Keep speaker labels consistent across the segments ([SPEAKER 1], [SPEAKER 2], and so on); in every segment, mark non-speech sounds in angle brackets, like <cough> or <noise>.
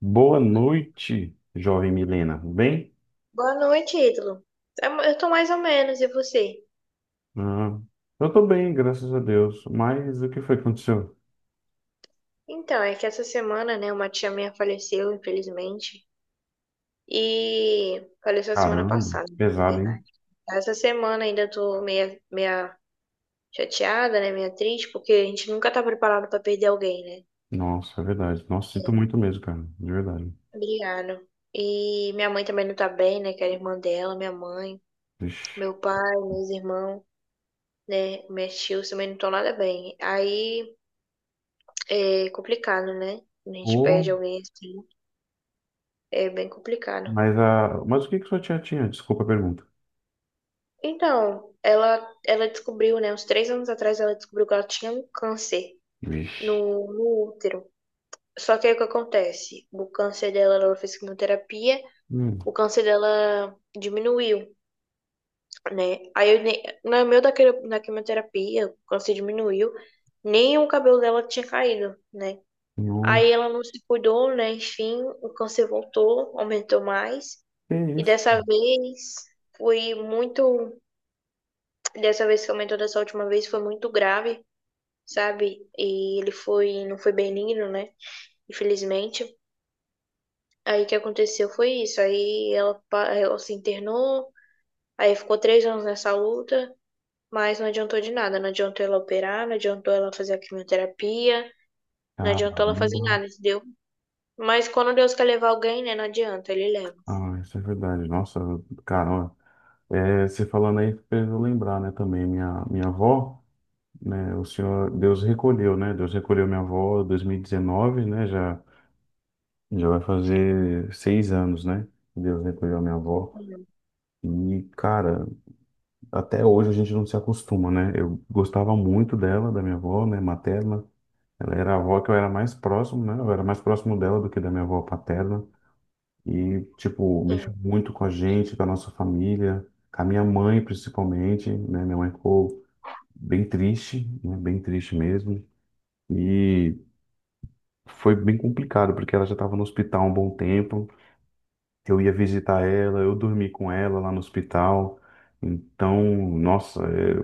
[SPEAKER 1] Boa noite, jovem Milena. Bem?
[SPEAKER 2] Boa noite, Ítalo. Eu tô mais ou menos, e você?
[SPEAKER 1] Ah, eu tô bem, graças a Deus. Mas o que foi que aconteceu?
[SPEAKER 2] Então, é que essa semana, né, uma tia minha faleceu, infelizmente, e faleceu semana
[SPEAKER 1] Caramba,
[SPEAKER 2] passada, né, na
[SPEAKER 1] pesado, hein?
[SPEAKER 2] verdade. Essa semana ainda tô meia chateada, né, meia triste, porque a gente nunca tá preparado pra perder alguém, né?
[SPEAKER 1] Nossa, é verdade. Nossa,
[SPEAKER 2] É,
[SPEAKER 1] sinto muito mesmo, cara. De verdade.
[SPEAKER 2] obrigado. E minha mãe também não tá bem, né, que era irmã dela, minha mãe,
[SPEAKER 1] Vixe.
[SPEAKER 2] meu pai, meus irmãos, né, meus tios também não estão nada bem. Aí é complicado, né? Quando a gente
[SPEAKER 1] Ô,
[SPEAKER 2] perde alguém assim. É bem complicado.
[SPEAKER 1] mas o que que sua tia tinha? Desculpa a pergunta.
[SPEAKER 2] Então, ela descobriu, né? Uns 3 anos atrás, ela descobriu que ela tinha um câncer
[SPEAKER 1] Vixe.
[SPEAKER 2] no útero. Só que aí o que acontece? O câncer dela, ela fez quimioterapia,
[SPEAKER 1] Hum,
[SPEAKER 2] o câncer dela diminuiu, né? Aí, no meio da quimioterapia, o câncer diminuiu, nem o cabelo dela tinha caído, né?
[SPEAKER 1] nossa,
[SPEAKER 2] Aí ela não se cuidou, né? Enfim, o câncer voltou, aumentou mais.
[SPEAKER 1] que
[SPEAKER 2] E
[SPEAKER 1] isso?
[SPEAKER 2] dessa vez foi muito. Dessa vez que aumentou dessa última vez foi muito grave, sabe? E ele foi, não foi benigno, né? Infelizmente. Aí o que aconteceu foi isso. Ela se internou, aí ficou 3 anos nessa luta, mas não adiantou de nada. Não adiantou ela operar, não adiantou ela fazer a quimioterapia, não
[SPEAKER 1] Caramba.
[SPEAKER 2] adiantou ela fazer nada, entendeu? Mas quando Deus quer levar alguém, né? Não adianta, ele leva.
[SPEAKER 1] Ah, isso é verdade. Nossa, caramba. É, você falando aí fez eu lembrar, né, também. Minha avó, né? O Senhor, Deus recolheu, né? Deus recolheu minha avó em 2019, né? Já vai fazer 6 anos, né? Deus recolheu minha avó. E, cara, até hoje a gente não se acostuma, né? Eu gostava muito dela, da minha avó, né? Materna. Ela era a avó que eu era mais próximo, né? Eu era mais próximo dela do que da minha avó paterna. E, tipo, mexeu
[SPEAKER 2] Sim,
[SPEAKER 1] muito com a gente, com a nossa família, com a minha mãe, principalmente, né? Minha mãe ficou bem triste, né? Bem triste mesmo. E foi bem complicado, porque ela já estava no hospital há um bom tempo. Eu ia visitar ela, eu dormi com ela lá no hospital. Então, nossa,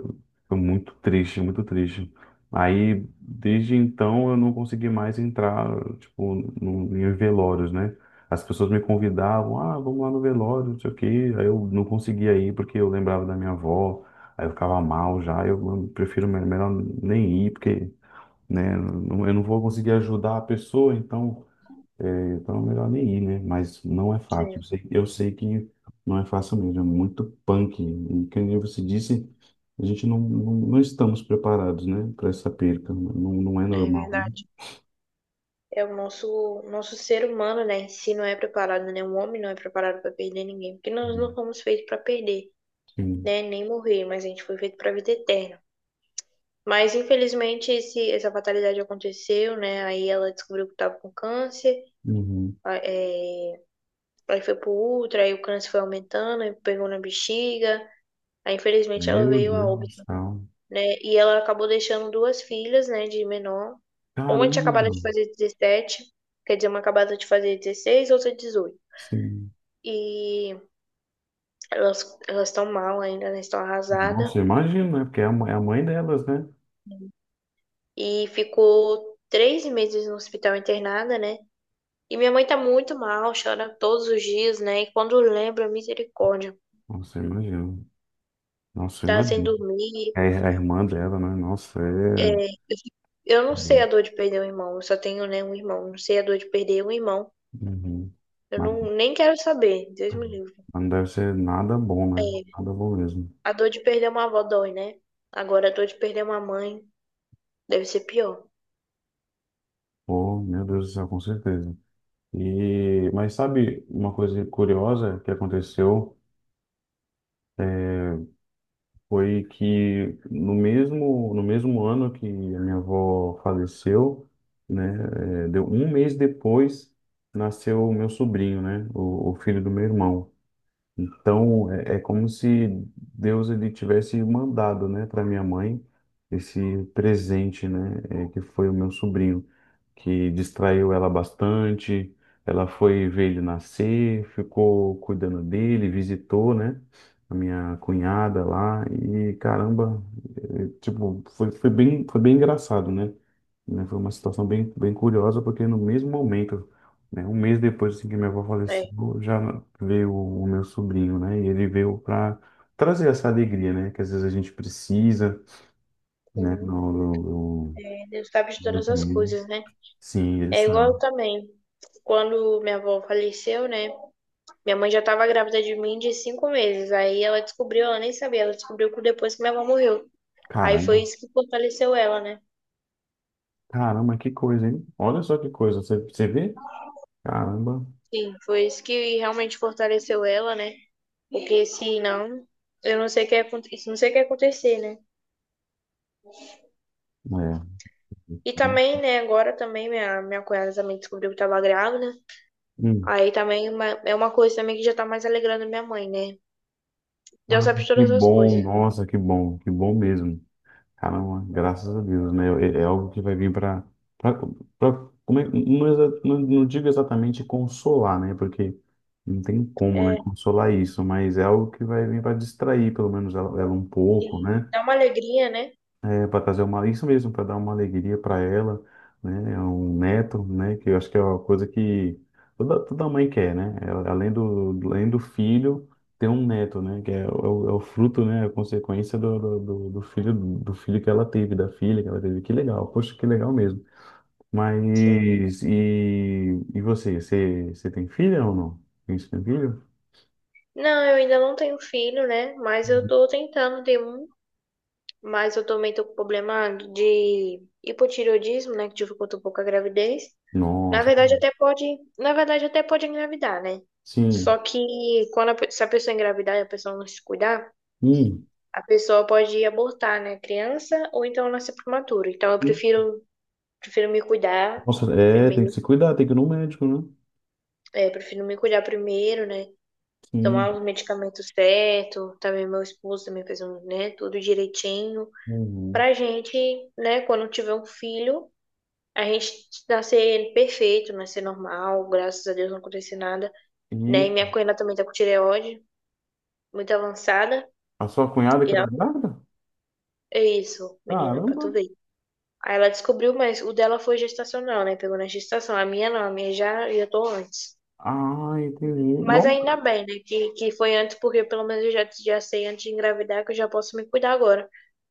[SPEAKER 1] foi muito triste, muito triste. Aí, desde então, eu não consegui mais entrar, tipo, no, em velórios, né? As pessoas me convidavam, ah, vamos lá no velório, não sei o quê. Aí eu não conseguia ir porque eu lembrava da minha avó, aí eu ficava mal já. Eu prefiro melhor nem ir, porque né? Eu não vou conseguir ajudar a pessoa, então é é melhor nem ir, né? Mas não é fácil.
[SPEAKER 2] é,
[SPEAKER 1] Eu sei que não é fácil mesmo, é muito punk. E que você disse, a gente não estamos preparados, né, para essa perca. Não, não é
[SPEAKER 2] é
[SPEAKER 1] normal, né?
[SPEAKER 2] verdade. É o nosso ser humano, né, em si não é preparado, né? O homem não é preparado para perder ninguém, porque nós não fomos feitos para perder,
[SPEAKER 1] Sim.
[SPEAKER 2] né, nem morrer, mas a gente foi feito para a vida eterna. Mas infelizmente essa fatalidade aconteceu, né? Aí ela descobriu que estava com câncer,
[SPEAKER 1] Uhum.
[SPEAKER 2] é, aí foi pro útero aí o câncer foi aumentando, aí pegou na bexiga. Aí infelizmente ela
[SPEAKER 1] Meu
[SPEAKER 2] veio a
[SPEAKER 1] Deus do
[SPEAKER 2] óbito,
[SPEAKER 1] céu.
[SPEAKER 2] né? E ela acabou deixando duas filhas, né, de menor. Uma tinha acabado
[SPEAKER 1] Caramba!
[SPEAKER 2] de fazer 17, quer dizer, uma acabada de fazer 16, outra 18.
[SPEAKER 1] Sim.
[SPEAKER 2] E elas estão mal ainda, elas estão arrasadas.
[SPEAKER 1] Nossa, eu imagino, né? Porque é a mãe delas, né?
[SPEAKER 2] E ficou 3 meses no hospital internada, né? E minha mãe tá muito mal, chora todos os dias, né? E quando lembra, misericórdia,
[SPEAKER 1] Nossa, eu imagino. Nossa, eu
[SPEAKER 2] tá sem
[SPEAKER 1] imagino.
[SPEAKER 2] dormir.
[SPEAKER 1] É a irmã dela, né? Nossa,
[SPEAKER 2] É,
[SPEAKER 1] é.
[SPEAKER 2] eu, eu não sei a dor de perder um irmão, eu só tenho, né, um irmão. Não sei a dor de perder um irmão.
[SPEAKER 1] Uhum.
[SPEAKER 2] Eu não, nem quero saber, Deus me livre.
[SPEAKER 1] Não deve ser nada bom, né?
[SPEAKER 2] É,
[SPEAKER 1] Nada bom mesmo.
[SPEAKER 2] a dor de perder uma avó dói, né? Agora a dor de perder uma mãe deve ser pior.
[SPEAKER 1] Oh, meu Deus do céu, com certeza. E, mas sabe uma coisa curiosa que aconteceu foi que no mesmo ano que a minha avó faleceu, né? Deu um mês depois nasceu o meu sobrinho, né? O filho do meu irmão. Então é como se Deus ele tivesse mandado, né, para minha mãe esse presente, né? Que foi o meu sobrinho. Que distraiu ela bastante. Ela foi ver ele nascer, ficou cuidando dele, visitou, né? A minha cunhada lá e caramba, tipo, foi bem engraçado, né? Né, foi uma situação bem, bem curiosa porque no mesmo momento, né, um mês depois assim que minha avó faleceu,
[SPEAKER 2] Né.
[SPEAKER 1] já veio o meu sobrinho, né? E ele veio para trazer essa alegria, né? Que às vezes a gente precisa, né?
[SPEAKER 2] Sim.
[SPEAKER 1] No,
[SPEAKER 2] Deus sabe de
[SPEAKER 1] no-
[SPEAKER 2] todas as
[SPEAKER 1] no-
[SPEAKER 2] coisas, né?
[SPEAKER 1] Sim, ele
[SPEAKER 2] É igual eu
[SPEAKER 1] sabe.
[SPEAKER 2] também. Quando minha avó faleceu, né? Minha mãe já estava grávida de mim de 5 meses. Aí ela descobriu, ela nem sabia, ela descobriu que depois que minha avó morreu. Aí foi
[SPEAKER 1] Caramba.
[SPEAKER 2] isso que fortaleceu ela, né?
[SPEAKER 1] Caramba, que coisa, hein? Olha só que coisa. Você vê? Caramba.
[SPEAKER 2] Sim, foi isso que realmente fortaleceu ela, né? Porque se não, eu não sei o que ia acontecer, não sei o que ia acontecer, né?
[SPEAKER 1] É.
[SPEAKER 2] E também, né, agora também minha cunhada também descobriu que estava grávida.
[SPEAKER 1] Hum.
[SPEAKER 2] Aí também é uma coisa também que já tá mais alegrando minha mãe, né? Deus
[SPEAKER 1] Ah,
[SPEAKER 2] sabe de
[SPEAKER 1] que
[SPEAKER 2] todas as
[SPEAKER 1] bom.
[SPEAKER 2] coisas, né?
[SPEAKER 1] Nossa, que bom. Que bom mesmo. Caramba, graças a Deus, né? É algo que vai vir para... Como é, não digo exatamente consolar, né? Porque não tem como, né?
[SPEAKER 2] É,
[SPEAKER 1] Consolar isso. Mas é algo que vai vir para distrair, pelo menos, ela um pouco,
[SPEAKER 2] sim.
[SPEAKER 1] né?
[SPEAKER 2] Dá uma alegria, né?
[SPEAKER 1] Para isso mesmo, para dar uma alegria para ela, né? É um neto, né? Que eu acho que é uma coisa que toda mãe quer, né? Além do filho, ter um neto, né? Que é o fruto, né? A consequência do filho, do filho que ela teve, da filha que ela teve. Que legal, poxa, que legal mesmo.
[SPEAKER 2] Sim.
[SPEAKER 1] Mas e você? Você tem filha ou não? Você tem filho?
[SPEAKER 2] Não, eu ainda não tenho filho, né? Mas eu
[SPEAKER 1] Uhum.
[SPEAKER 2] tô tentando ter um. Mas eu também tô com problema de hipotireoidismo, né? Que dificulta um pouco a gravidez. Na
[SPEAKER 1] Nossa,
[SPEAKER 2] verdade, até pode. Na verdade, até pode engravidar, né? Só
[SPEAKER 1] sim.
[SPEAKER 2] que quando se a pessoa engravidar e a pessoa não se cuidar,
[SPEAKER 1] Hum.
[SPEAKER 2] a pessoa pode abortar, né? Criança ou então nascer prematura. Então eu prefiro, prefiro me cuidar
[SPEAKER 1] Nossa, tem que
[SPEAKER 2] primeiro.
[SPEAKER 1] se cuidar, tem que ir no médico, né?
[SPEAKER 2] É, prefiro me cuidar primeiro, né?
[SPEAKER 1] Sim.
[SPEAKER 2] Tomar os medicamentos certos. Também meu esposo também fez um, né? Tudo direitinho.
[SPEAKER 1] Uhum.
[SPEAKER 2] Pra gente, né, quando tiver um filho, a gente nascer perfeito, nascer normal, graças a Deus não aconteceu nada, né? E
[SPEAKER 1] E
[SPEAKER 2] minha cunhada também tá com tireoide, muito avançada,
[SPEAKER 1] a sua cunhada
[SPEAKER 2] e
[SPEAKER 1] que tá
[SPEAKER 2] ela,
[SPEAKER 1] grávida?
[SPEAKER 2] é isso, menina, pra
[SPEAKER 1] Caramba!
[SPEAKER 2] tu ver. Aí ela descobriu, mas o dela foi gestacional, né? Pegou na gestação. A minha não, a minha já, já tô antes.
[SPEAKER 1] Ah, entendi.
[SPEAKER 2] Mas ainda
[SPEAKER 1] Nossa!
[SPEAKER 2] bem, né? Que foi antes, porque pelo menos eu já, já sei antes de engravidar que eu já posso me cuidar agora.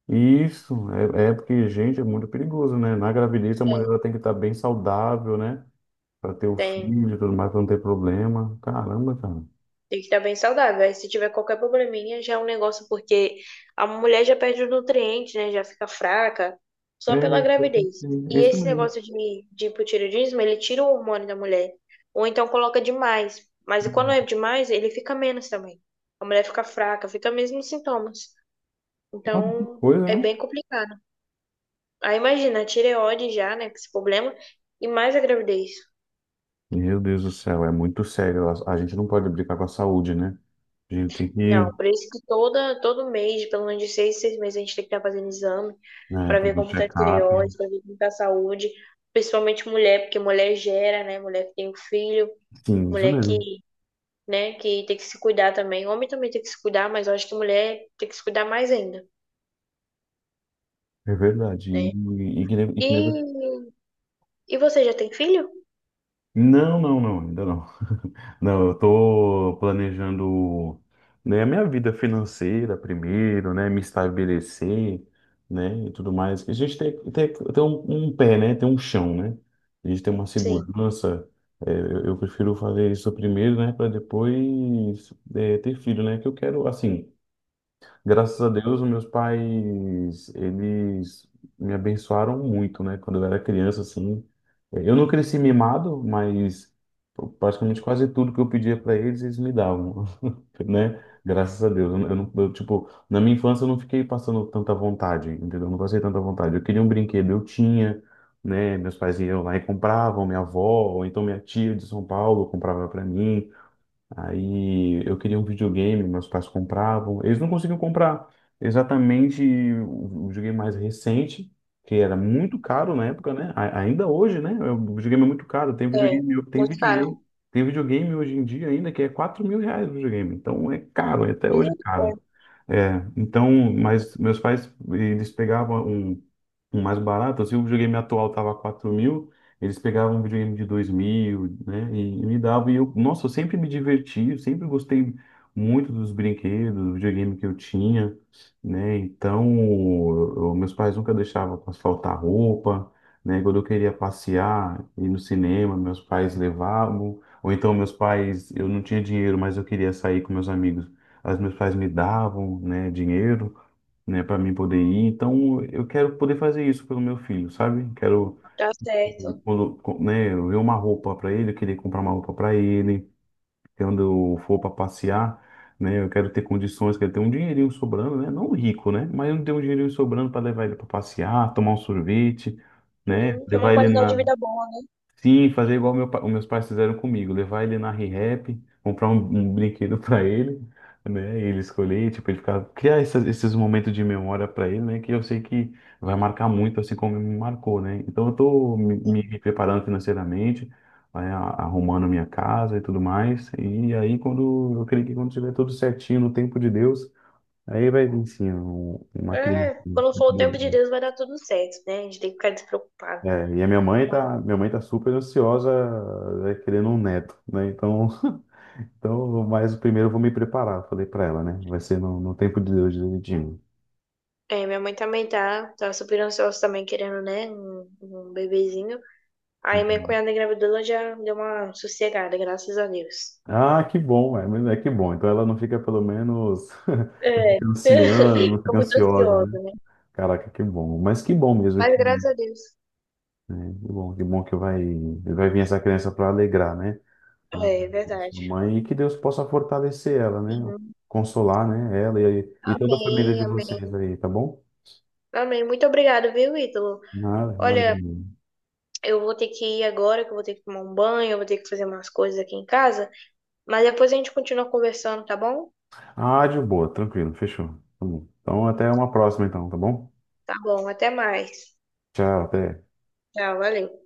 [SPEAKER 1] Isso, é porque, gente, é muito perigoso, né? Na gravidez a mulher
[SPEAKER 2] É,
[SPEAKER 1] ela tem que estar bem saudável, né? Pra ter o
[SPEAKER 2] Tem
[SPEAKER 1] filho e tudo mais, pra não ter problema. Caramba, cara.
[SPEAKER 2] tem que estar bem saudável. Aí se tiver qualquer probleminha, já é um negócio, porque a mulher já perde os nutrientes, né? Já fica fraca só
[SPEAKER 1] É
[SPEAKER 2] pela
[SPEAKER 1] isso, eu
[SPEAKER 2] gravidez.
[SPEAKER 1] pensei. É
[SPEAKER 2] E
[SPEAKER 1] isso
[SPEAKER 2] esse
[SPEAKER 1] mesmo.
[SPEAKER 2] negócio de hipotireoidismo, ele tira o hormônio da mulher. Ou então coloca demais. Mas quando é demais, ele fica menos também. A mulher fica fraca, fica mesmo os sintomas.
[SPEAKER 1] Nossa, que
[SPEAKER 2] Então,
[SPEAKER 1] coisa,
[SPEAKER 2] é
[SPEAKER 1] hein?
[SPEAKER 2] bem complicado. Aí imagina, a tireoide já, né? Com esse problema, e mais a gravidez.
[SPEAKER 1] Meu Deus do céu, é muito sério. A gente não pode brincar com a saúde, né? A gente tem
[SPEAKER 2] Não,
[SPEAKER 1] que,
[SPEAKER 2] por isso que todo mês, pelo menos de seis meses, a gente tem que estar fazendo exame
[SPEAKER 1] né,
[SPEAKER 2] para ver
[SPEAKER 1] fazer um
[SPEAKER 2] como está a
[SPEAKER 1] check-up.
[SPEAKER 2] tireoide, para ver como está a saúde, principalmente mulher, porque mulher gera, né? Mulher que tem um filho,
[SPEAKER 1] Sim, isso
[SPEAKER 2] mulher que,
[SPEAKER 1] mesmo.
[SPEAKER 2] né, que tem que se cuidar também. Homem também tem que se cuidar, mas eu acho que mulher tem que se cuidar mais ainda,
[SPEAKER 1] É verdade.
[SPEAKER 2] né?
[SPEAKER 1] E que nem
[SPEAKER 2] E, e você já tem filho?
[SPEAKER 1] Não, não, não, ainda não. Não, eu tô planejando, né, a minha vida financeira primeiro, né, me estabelecer, né, e tudo mais. A gente tem um pé, né, tem um chão, né? A gente tem uma
[SPEAKER 2] Sim,
[SPEAKER 1] segurança. É, eu prefiro fazer isso primeiro, né, para depois ter filho, né? Que eu quero, assim. Graças a Deus, os meus pais, eles me abençoaram muito, né? Quando eu era criança, assim. Eu não cresci mimado, mas praticamente quase tudo que eu pedia para eles, eles me davam, <laughs> né? Graças a Deus. Eu, não, eu não- eu, tipo, na minha infância eu não fiquei passando tanta vontade, entendeu? Eu não passei tanta vontade. Eu queria um brinquedo, eu tinha, né? Meus pais iam lá e compravam, minha avó, ou então minha tia de São Paulo comprava para mim. Aí eu queria um videogame, meus pais compravam. Eles não conseguiam comprar exatamente o videogame mais recente, que era muito caro na época, né? Ainda hoje, né? É, o videogame é muito caro. Tem
[SPEAKER 2] é.
[SPEAKER 1] videogame, tem
[SPEAKER 2] Muito caro.
[SPEAKER 1] videogame, tem videogame hoje em dia ainda que é R$ 4.000 o videogame. Então é caro, até hoje é caro.
[SPEAKER 2] Misericórdia,
[SPEAKER 1] É, então, mas meus pais, eles pegavam um mais barato, se o videogame atual tava 4.000, eles pegavam um videogame de 2.000, né, e me davam, e eu, nossa, eu sempre me diverti, eu sempre gostei muito dos brinquedos, do videogame que eu tinha, né, então meus pais nunca deixavam pra faltar roupa, né, quando eu queria passear, ir no cinema, meus pais levavam, ou então meus pais, eu não tinha dinheiro, mas eu queria sair com meus amigos, as meus pais me davam, né, dinheiro, né, para mim poder ir. Então, eu quero poder fazer isso pelo meu filho, sabe? Quero,
[SPEAKER 2] tá certo.
[SPEAKER 1] quando, né, eu ver uma roupa para ele, eu queria comprar uma roupa para ele, quando eu for para passear, né, eu quero ter condições, quero ter um dinheirinho sobrando, né? Não rico, né? Mas eu não tenho um dinheirinho sobrando para levar ele para passear, tomar um sorvete, né?
[SPEAKER 2] Sim, tem uma
[SPEAKER 1] Levar ele.
[SPEAKER 2] qualidade de vida boa,
[SPEAKER 1] Sim, fazer igual os meus pais fizeram comigo, levar ele na Rehap, comprar um brinquedo para ele, né? E ele escolher, tipo, ele ficar, criar esses momentos de memória para ele, né? Que eu sei que vai marcar muito, assim como me marcou, né? Então eu tô
[SPEAKER 2] né?
[SPEAKER 1] me preparando financeiramente, né, arrumando minha casa e tudo mais. E aí quando eu creio que quando tiver tudo certinho no tempo de Deus, aí vai vir sim uma criança.
[SPEAKER 2] É,
[SPEAKER 1] Né,
[SPEAKER 2] quando for o tempo de Deus vai dar tudo certo, né? A gente tem que ficar despreocupado.
[SPEAKER 1] é, e a
[SPEAKER 2] Ma-.
[SPEAKER 1] minha mãe tá super ansiosa, querendo um neto, né? Então, <laughs> então, mas primeiro eu vou me preparar, falei para ela, né? Vai ser no tempo de Deus direitinho.
[SPEAKER 2] É, minha mãe também tá super ansiosa também, querendo, né? Um bebezinho. Aí minha
[SPEAKER 1] Uhum.
[SPEAKER 2] cunhada engravidou, ela já deu uma sossegada, graças a Deus.
[SPEAKER 1] Ah, que bom, mas é que bom. Então ela não fica pelo menos <laughs> não
[SPEAKER 2] É,
[SPEAKER 1] fica ansiando,
[SPEAKER 2] <laughs>
[SPEAKER 1] não
[SPEAKER 2] ficou
[SPEAKER 1] fica
[SPEAKER 2] muito
[SPEAKER 1] ansiosa, né?
[SPEAKER 2] ansiosa, né?
[SPEAKER 1] Caraca, que bom. Mas que bom mesmo que,
[SPEAKER 2] Mas graças a Deus.
[SPEAKER 1] né? Que bom, que bom que vai vir essa criança para alegrar, né? A
[SPEAKER 2] É, é
[SPEAKER 1] sua
[SPEAKER 2] verdade.
[SPEAKER 1] mãe, e que Deus possa fortalecer ela, né?
[SPEAKER 2] Sim.
[SPEAKER 1] Consolar, né? Ela e toda a família
[SPEAKER 2] Amém,
[SPEAKER 1] de
[SPEAKER 2] amém.
[SPEAKER 1] vocês aí, tá bom?
[SPEAKER 2] Amém. Muito obrigada, viu, Ítalo?
[SPEAKER 1] Nada, nada
[SPEAKER 2] Olha,
[SPEAKER 1] mesmo.
[SPEAKER 2] eu vou ter que ir agora, que eu vou ter que tomar um banho, eu vou ter que fazer umas coisas aqui em casa. Mas depois a gente continua conversando, tá bom?
[SPEAKER 1] Ah, de boa, tranquilo, fechou. Tá bom. Então, até uma próxima, então, tá bom?
[SPEAKER 2] Tá bom, até mais.
[SPEAKER 1] Tchau, até.
[SPEAKER 2] Tchau, valeu.